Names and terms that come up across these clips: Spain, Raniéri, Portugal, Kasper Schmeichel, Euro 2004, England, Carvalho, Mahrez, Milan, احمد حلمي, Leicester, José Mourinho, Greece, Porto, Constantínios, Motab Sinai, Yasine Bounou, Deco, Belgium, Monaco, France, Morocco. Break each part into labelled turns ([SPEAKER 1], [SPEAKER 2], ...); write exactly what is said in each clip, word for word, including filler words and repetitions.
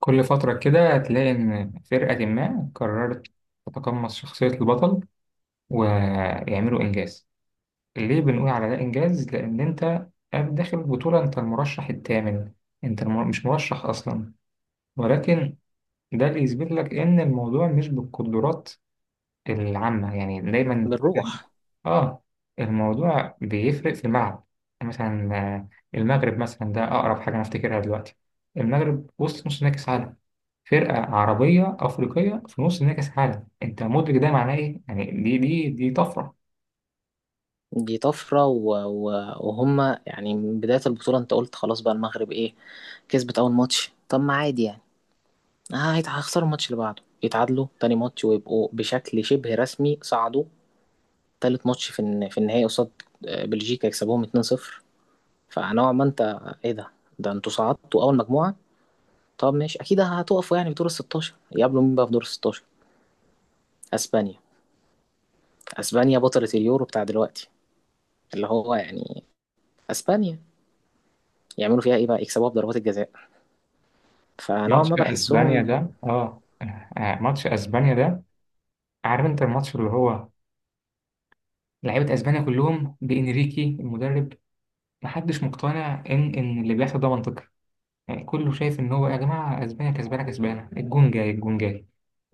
[SPEAKER 1] كل فترة كده هتلاقي إن فرقة ما قررت تتقمص شخصية البطل ويعملوا إنجاز. ليه بنقول على ده إنجاز؟ لأن أنت داخل البطولة، أنت المرشح الثامن، أنت المر... مش مرشح أصلا، ولكن ده اللي يثبت لك إن الموضوع مش بالقدرات العامة. يعني دايما
[SPEAKER 2] بالروح.
[SPEAKER 1] آه الموضوع بيفرق في الملعب. يعني مثلا آه، المغرب مثلا ده أقرب حاجة أنا أفتكرها دلوقتي. المغرب وصل نص نهائي كأس عالم، فرقة عربية أفريقية في نص نهائي كأس العالم. أنت مدرك ده معناه إيه؟ يعني دي دي دي طفرة.
[SPEAKER 2] دي طفرة و... و... وهم يعني من بداية البطولة انت قلت خلاص بقى المغرب ايه، كسبت أول ماتش. طب ما عادي يعني، آه هيت- هيخسروا الماتش اللي بعده، يتعادلوا تاني ماتش ويبقوا بشكل شبه رسمي صعدوا. تالت ماتش في الن... في النهائي قصاد آه، بلجيكا يكسبوهم اتنين صفر. فنوعا ما انت، ايه ده ده انتوا صعدتوا أول مجموعة؟ طب ماشي، أكيد هتقفوا يعني في دور ال ستاشر. يقابلوا مين بقى في دور ال ستاشر؟ أسبانيا. أسبانيا بطلة اليورو بتاع دلوقتي، اللي هو يعني أسبانيا. يعملوا فيها ايه بقى؟ يكسبوها بضربات الجزاء. فنوعا
[SPEAKER 1] ماتش
[SPEAKER 2] ما
[SPEAKER 1] أسبانيا
[SPEAKER 2] بحسهم،
[SPEAKER 1] ده آه آه، ماتش أسبانيا ده، عارف أنت الماتش اللي هو لعيبة أسبانيا كلهم بإنريكي المدرب، محدش مقتنع إن إن اللي بيحصل ده منطقي. يعني كله شايف إن هو يا جماعة أسبانيا كسبانة كسبانة، الجون جاي الجون جاي،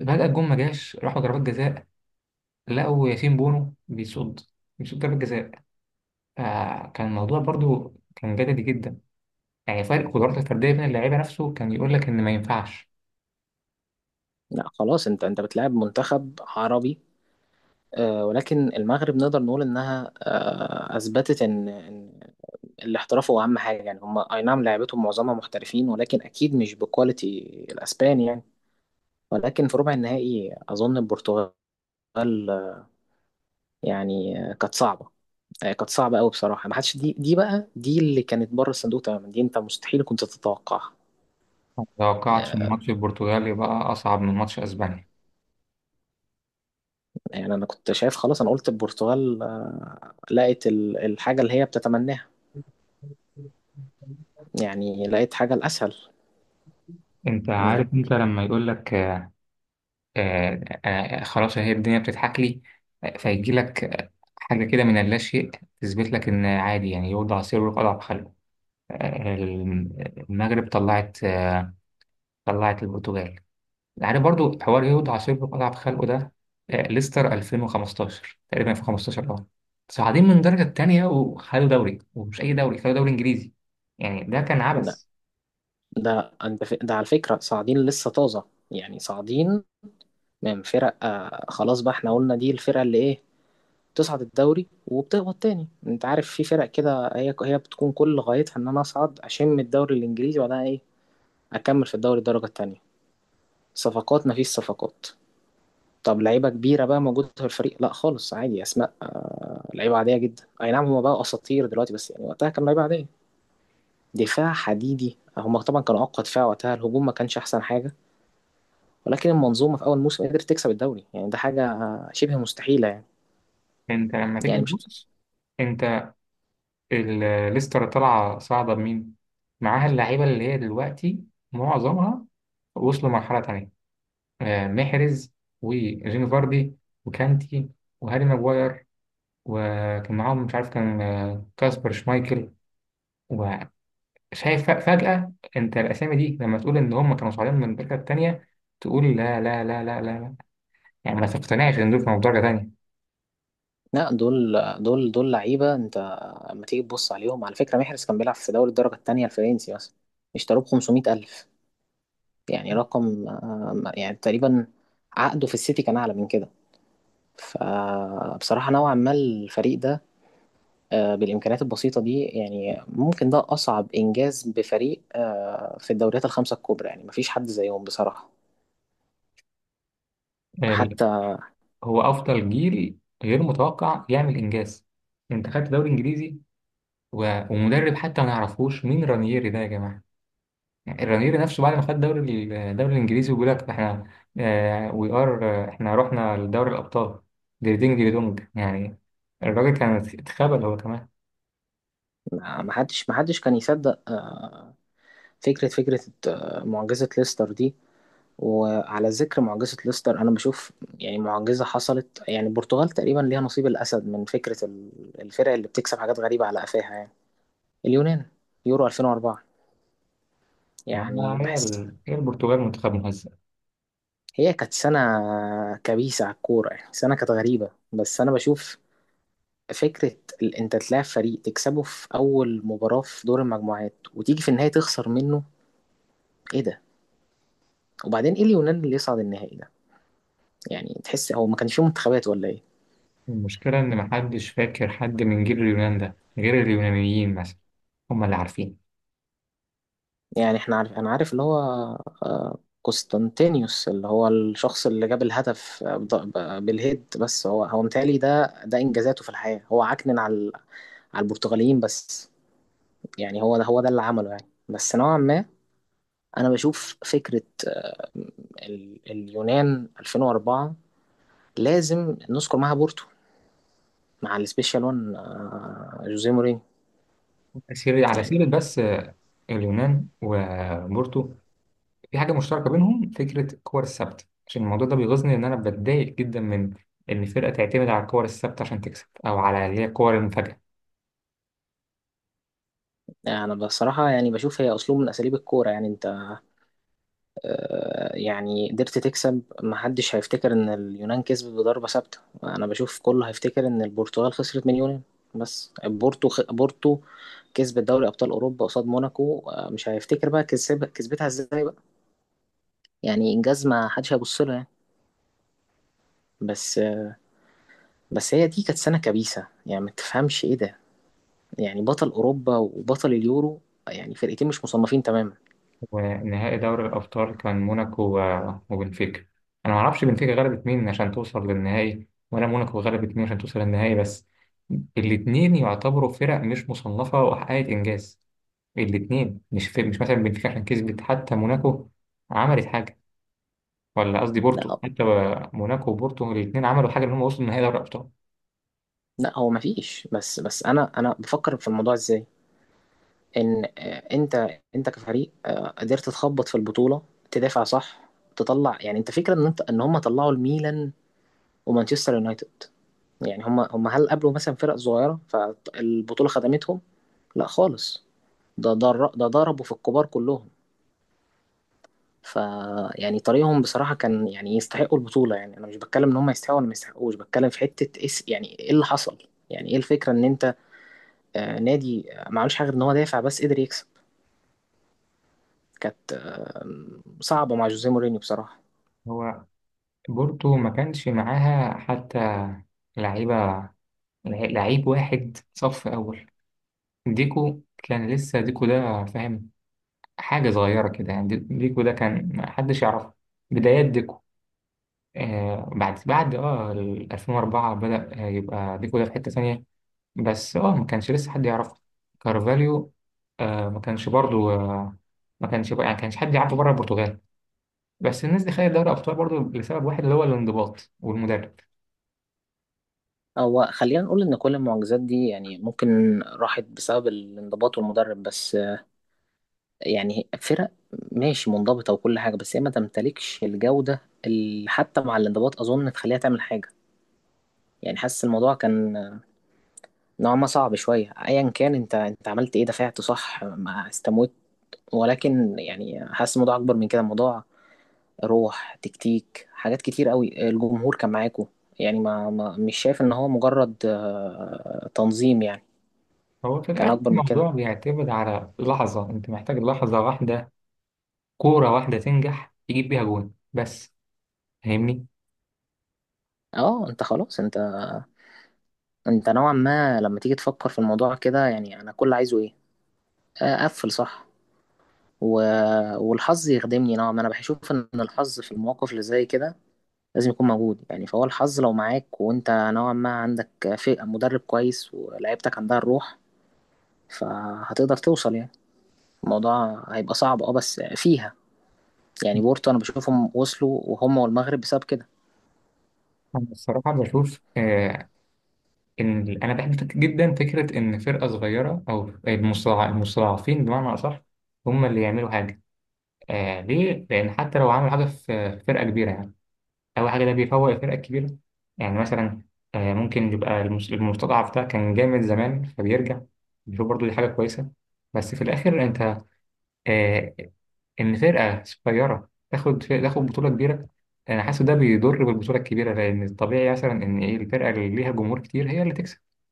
[SPEAKER 1] فجأة الجون ما جاش، راحوا ضربات جزاء، لقوا ياسين بونو بيصد، بيصد ضربة جزاء. فكان الموضوع برضو كان جدلي جدا. يعني فرق قدرات الفردية بين اللعيبة نفسه كان يقول لك إن ما ينفعش.
[SPEAKER 2] لا خلاص، انت انت بتلعب منتخب عربي. آه، ولكن المغرب نقدر نقول انها آه، اثبتت ان ان الاحتراف هو اهم حاجه. يعني هم اي نعم لعبتهم معظمها محترفين ولكن اكيد مش بكواليتي الاسبان يعني. ولكن في ربع النهائي اظن البرتغال، آه، يعني آه، كانت صعبه. آه، كانت صعبه قوي بصراحه. ما حدش دي دي بقى دي اللي كانت بره الصندوق تماما. دي انت مستحيل كنت تتوقعها.
[SPEAKER 1] ما توقعتش إن ماتش البرتغال يبقى أصعب من ماتش أسبانيا.
[SPEAKER 2] يعني انا كنت شايف خلاص، انا قلت البرتغال آه، لقت ال- الحاجه اللي هي بتتمناها. يعني لقيت حاجه الاسهل.
[SPEAKER 1] أنت
[SPEAKER 2] انك.
[SPEAKER 1] عارف أنت لما يقول لك آه، آه، آه، خلاص، هي الدنيا بتضحك لي، آه، فيجي لك آه، حاجة كده من اللاشيء تثبت لك إن عادي. يعني يوضع سر ويقال على خلقه. آه، المغرب طلعت، آه، طلعت البرتغال. يعني برضو حوار يهود عصيب أضعف خلقه ده. آه، ليستر ألفين وخمستاشر تقريبا، ألفين وخمستاشر اه صاعدين من الدرجة التانية وخدوا دوري، ومش أي دوري، خدوا دوري إنجليزي. يعني ده كان
[SPEAKER 2] ده
[SPEAKER 1] عبث.
[SPEAKER 2] ده أنت ف- ده على فكره صاعدين لسه طازه. يعني صاعدين من فرق آه، خلاص بقى، احنا قلنا دي الفرقه اللي ايه، بتصعد الدوري وبتهبط تاني. انت عارف في فرق كده، هي هي بتكون كل غايتها ان انا اصعد اشم الدوري الانجليزي، وبعدها ايه؟ اكمل في الدوري الدرجه التانيه. صفقات؟ مفيش صفقات. طب لعيبه كبيره بقى موجوده في الفريق؟ لا خالص، عادي. اسماء آه، لعيبه عاديه جدا. اي نعم، هما بقى اساطير دلوقتي بس يعني وقتها كانوا لعيبه عاديه. دفاع حديدي، هما طبعا كانوا اقوى دفاع وقتها، الهجوم ما كانش احسن حاجه. ولكن المنظومه في اول موسم قدرت تكسب الدوري. يعني ده حاجه آه، شبه مستحيله يعني.
[SPEAKER 1] أنت لما تيجي
[SPEAKER 2] يعني مش.
[SPEAKER 1] تبص، أنت ال- ليستر طالعة صاعدة بمين؟ معاها اللعيبة اللي هي دلوقتي معظمها وصلوا مرحلة تانية. آه، محرز، وجيمي فاردي، وكانتي، وهاري ماجواير، وكان معاهم مش عارف كان آه، كاسبر شمايكل. شايف؟ ف- فجأة انت الاسامي دي لما تقول ان هم كانوا صاعدين من الدرجة التانية، تقول لا لا لا لا لا لا، يعني ما تقتنعش ان دول كانوا في درجة تانية.
[SPEAKER 2] لا، دول دول دول لعيبه. انت لما تيجي تبص عليهم، على فكره محرز كان بيلعب في دوري الدرجه الثانيه الفرنسي مثلا. اشتروه ب خمسمائة ألف. يعني رقم آه، يعني تقريبا عقده في السيتي كان اعلى من كده. فبصراحة نوعا ما الفريق ده آه، بالإمكانيات البسيطة دي، يعني ممكن ده أصعب إنجاز بفريق آه، في الدوريات الخمسة الكبرى. يعني مفيش حد زيهم بصراحة.
[SPEAKER 1] ال-
[SPEAKER 2] حتى
[SPEAKER 1] هو افضل جيل غير متوقع يعمل انجاز. انت خدت دوري انجليزي، و- ومدرب حتى ما نعرفوش مين رانييري ده يا جماعة. يعني الرانييري نفسه بعد ما خد دوري ال- الدوري الانجليزي، وبيقول لك احنا وي ار، احنا رحنا لدوري الابطال ديردينج ديردونج يعني. الراجل كان اتخبل هو كمان.
[SPEAKER 2] ما ما حدش ما حدش كان يصدق آه، فكرة فكرة آه، معجزة ليستر دي. وعلى ذكر معجزة ليستر، أنا بشوف يعني معجزة حصلت. يعني البرتغال تقريبا ليها نصيب الأسد من فكرة ال- الفرق اللي بتكسب حاجات غريبة على قفاها يعني. اليونان، يورو ألفين وأربعة،
[SPEAKER 1] ما
[SPEAKER 2] يعني
[SPEAKER 1] هي
[SPEAKER 2] بحس
[SPEAKER 1] ال- هي البرتغال منتخب مهزأ.
[SPEAKER 2] هي كانت سنة كبيسة على الكورة. يعني سنة كانت غريبة. بس أنا بشوف فكرة ال- أنت تلاعب فريق تكسبه في أول مباراة في دور المجموعات وتيجي في النهاية تخسر منه. إيه ده؟ وبعدين إيه اليونان اللي يصعد النهائي ده؟ يعني تحس هو ما كانش فيه منتخبات ولا إيه؟
[SPEAKER 1] المشكلة إن محدش فاكر حد من جيل اليونان ده غير اليونانيين مثلا، هم اللي عارفين.
[SPEAKER 2] يعني إحنا عارف أنا عارف اللي هو آه، قسطنطينيوس، اللي هو الشخص اللي جاب الهدف آه، بض- ب- بالهيد. بس هو هو متهيألي ده ده إنجازاته في الحياة هو عكنن على على البرتغاليين بس. يعني هو ده هو ده اللي عمله يعني. بس نوعا ما انا بشوف فكره آه، ال- اليونان ألفين وأربعة لازم نذكر معاها بورتو، مع السبيشال وان آه، جوزيه مورينيو.
[SPEAKER 1] سيرة على
[SPEAKER 2] يعني
[SPEAKER 1] سيرة بس، آه، اليونان وبورتو في حاجة مشتركة بينهم، فكرة الكور الثابتة. عشان الموضوع ده بيغيظني، إن أنا بتضايق جدا من إن فرقة تعتمد على الكور الثابتة عشان تكسب، أو على اللي هي الكور المفاجأة.
[SPEAKER 2] انا بصراحه يعني بشوف هي اسلوب من اساليب الكوره. يعني انت آه، يعني قدرت تكسب. ما حدش هيفتكر ان اليونان كسبت بضربه ثابته. انا بشوف كله هيفتكر ان البرتغال خسرت من اليونان. بس بورتو خ... بورتو كسبت دوري ابطال اوروبا قصاد موناكو آه، مش هيفتكر بقى كسب... كسبتها ازاي بقى. يعني انجاز ما حدش هيبص له يعني. بس بس هي دي كانت سنة كبيسة. يعني ما تفهمش ايه ده. يعني بطل اوروبا وبطل اليورو، يعني فرقتين مش مصنفين تماما.
[SPEAKER 1] ونهائي دوري الأبطال كان موناكو و- وبنفيكا. أنا ما أعرفش بنفيكا غلبت مين عشان توصل للنهائي، ولا موناكو غلبت مين عشان توصل للنهائي، بس الاتنين يعتبروا فرق مش مصنفة وحققت إنجاز. الاتنين مش في، مش مثلا بنفيكا عشان كسبت حتى، موناكو عملت حاجة، ولا قصدي بورتو
[SPEAKER 2] لا،
[SPEAKER 1] حتى. موناكو وبورتو الاتنين عملوا حاجة إن هم وصلوا لنهائي دوري الأبطال.
[SPEAKER 2] لا هو ما فيش. بس بس انا انا بفكر في الموضوع ازاي، ان آه، انت انت كفريق آه، قدرت تخبط في البطولة، تدافع صح، تطلع. يعني انت فكرة ان انت، ان هم طلعوا الميلان ومانشستر يونايتد. يعني هم هم هل قابلوا مثلا فرق صغيرة فالبطولة خدمتهم؟ لا خالص. ده ده ده ضربوا في الكبار كلهم. ف يعني طريقهم بصراحة كان يعني يستحقوا البطولة. يعني أنا مش بتكلم إن هم يستحقوا ولا ما يستحقوش، بتكلم في حتة إس، يعني إيه اللي حصل. يعني إيه الفكرة إن أنت آه، نادي آه، ما عملش حاجة غير إن هو دافع بس قدر يكسب. كانت آم، صعبة مع جوزيه مورينيو بصراحة.
[SPEAKER 1] هو بورتو ما كانش معاها حتى لعيبة، لعيب واحد صف أول. ديكو كان لسه ديكو ده فاهم، حاجة صغيرة كده يعني. دي- ديكو ده كان ما حدش يعرفه، بدايات ديكو. آه بعد بعد اه ال ألفين وأربعة بدأ آه، يبقى ديكو ده في حتة ثانية، بس اه ما كانش لسه حد يعرفه. كارفاليو، آه ما كانش برضو. آه ما كانش بقى- يعني كانش حد يعرفه بره البرتغال. بس الناس دي خدت دوري أبطال برضو لسبب واحد اللي هو الانضباط والمدرب.
[SPEAKER 2] هو خلينا نقول إن كل المعجزات دي يعني ممكن راحت بسبب الانضباط والمدرب بس آه، يعني فرق ماشي منضبطة وكل حاجة، بس هي ما تمتلكش الجودة اللي حتى مع الانضباط أظن تخليها تعمل حاجة. يعني حاسس الموضوع كان نوعا ما صعب شوية. ايا كان، انت انت عملت ايه؟ دفعت صح، ما استموت. ولكن يعني حاسس الموضوع اكبر من كده. الموضوع روح، تكتيك، حاجات كتير قوي، الجمهور كان معاكو. يعني ما, ما مش شايف ان هو مجرد آه، تنظيم يعني.
[SPEAKER 1] هو في
[SPEAKER 2] كان
[SPEAKER 1] الآخر
[SPEAKER 2] اكبر من كده.
[SPEAKER 1] الموضوع بيعتمد على لحظة، أنت محتاج لحظة واحدة، كورة واحدة تنجح تجيب بيها جون بس. فاهمني؟
[SPEAKER 2] اه انت خلاص، انت انت نوعا ما لما تيجي تفكر في الموضوع كده، يعني انا كل عايزه ايه؟ آه، اقفل صح و... والحظ يخدمني نوعا ما. انا بشوف ان الحظ في المواقف اللي زي كده لازم يكون موجود. يعني فهو الحظ لو معاك، وانت نوعا ما عندك في مدرب كويس، ولاعيبتك عندها الروح، فهتقدر توصل يعني. الموضوع هيبقى صعب اه بس فيها، يعني بورتو انا بشوفهم وصلوا، وهم والمغرب بسبب كده
[SPEAKER 1] أنا الصراحة
[SPEAKER 2] يعني.
[SPEAKER 1] بشوف آه، إن أنا بحب فك- جدا فكرة إن فرقة صغيرة، أو المستضع- المستضعفين بمعنى أصح، هم اللي يعملوا حاجة. آه ليه؟ لأن حتى لو عملوا حاجة في في فرقة كبيرة يعني، أول حاجة ده بيفوق الفرقة الكبيرة. يعني مثلا آه ممكن يبقى المس- المستضعف ده كان جامد زمان فبيرجع، بيشوف برضو دي حاجة كويسة. بس في الآخر أنت آه ان فرقه صغيره تاخد تاخد بطوله كبيره، انا حاسس ده بيضر بالبطوله الكبيره. لان الطبيعي مثلا ان ايه، الفرقه اللي ليها جمهور كتير هي اللي تكسب.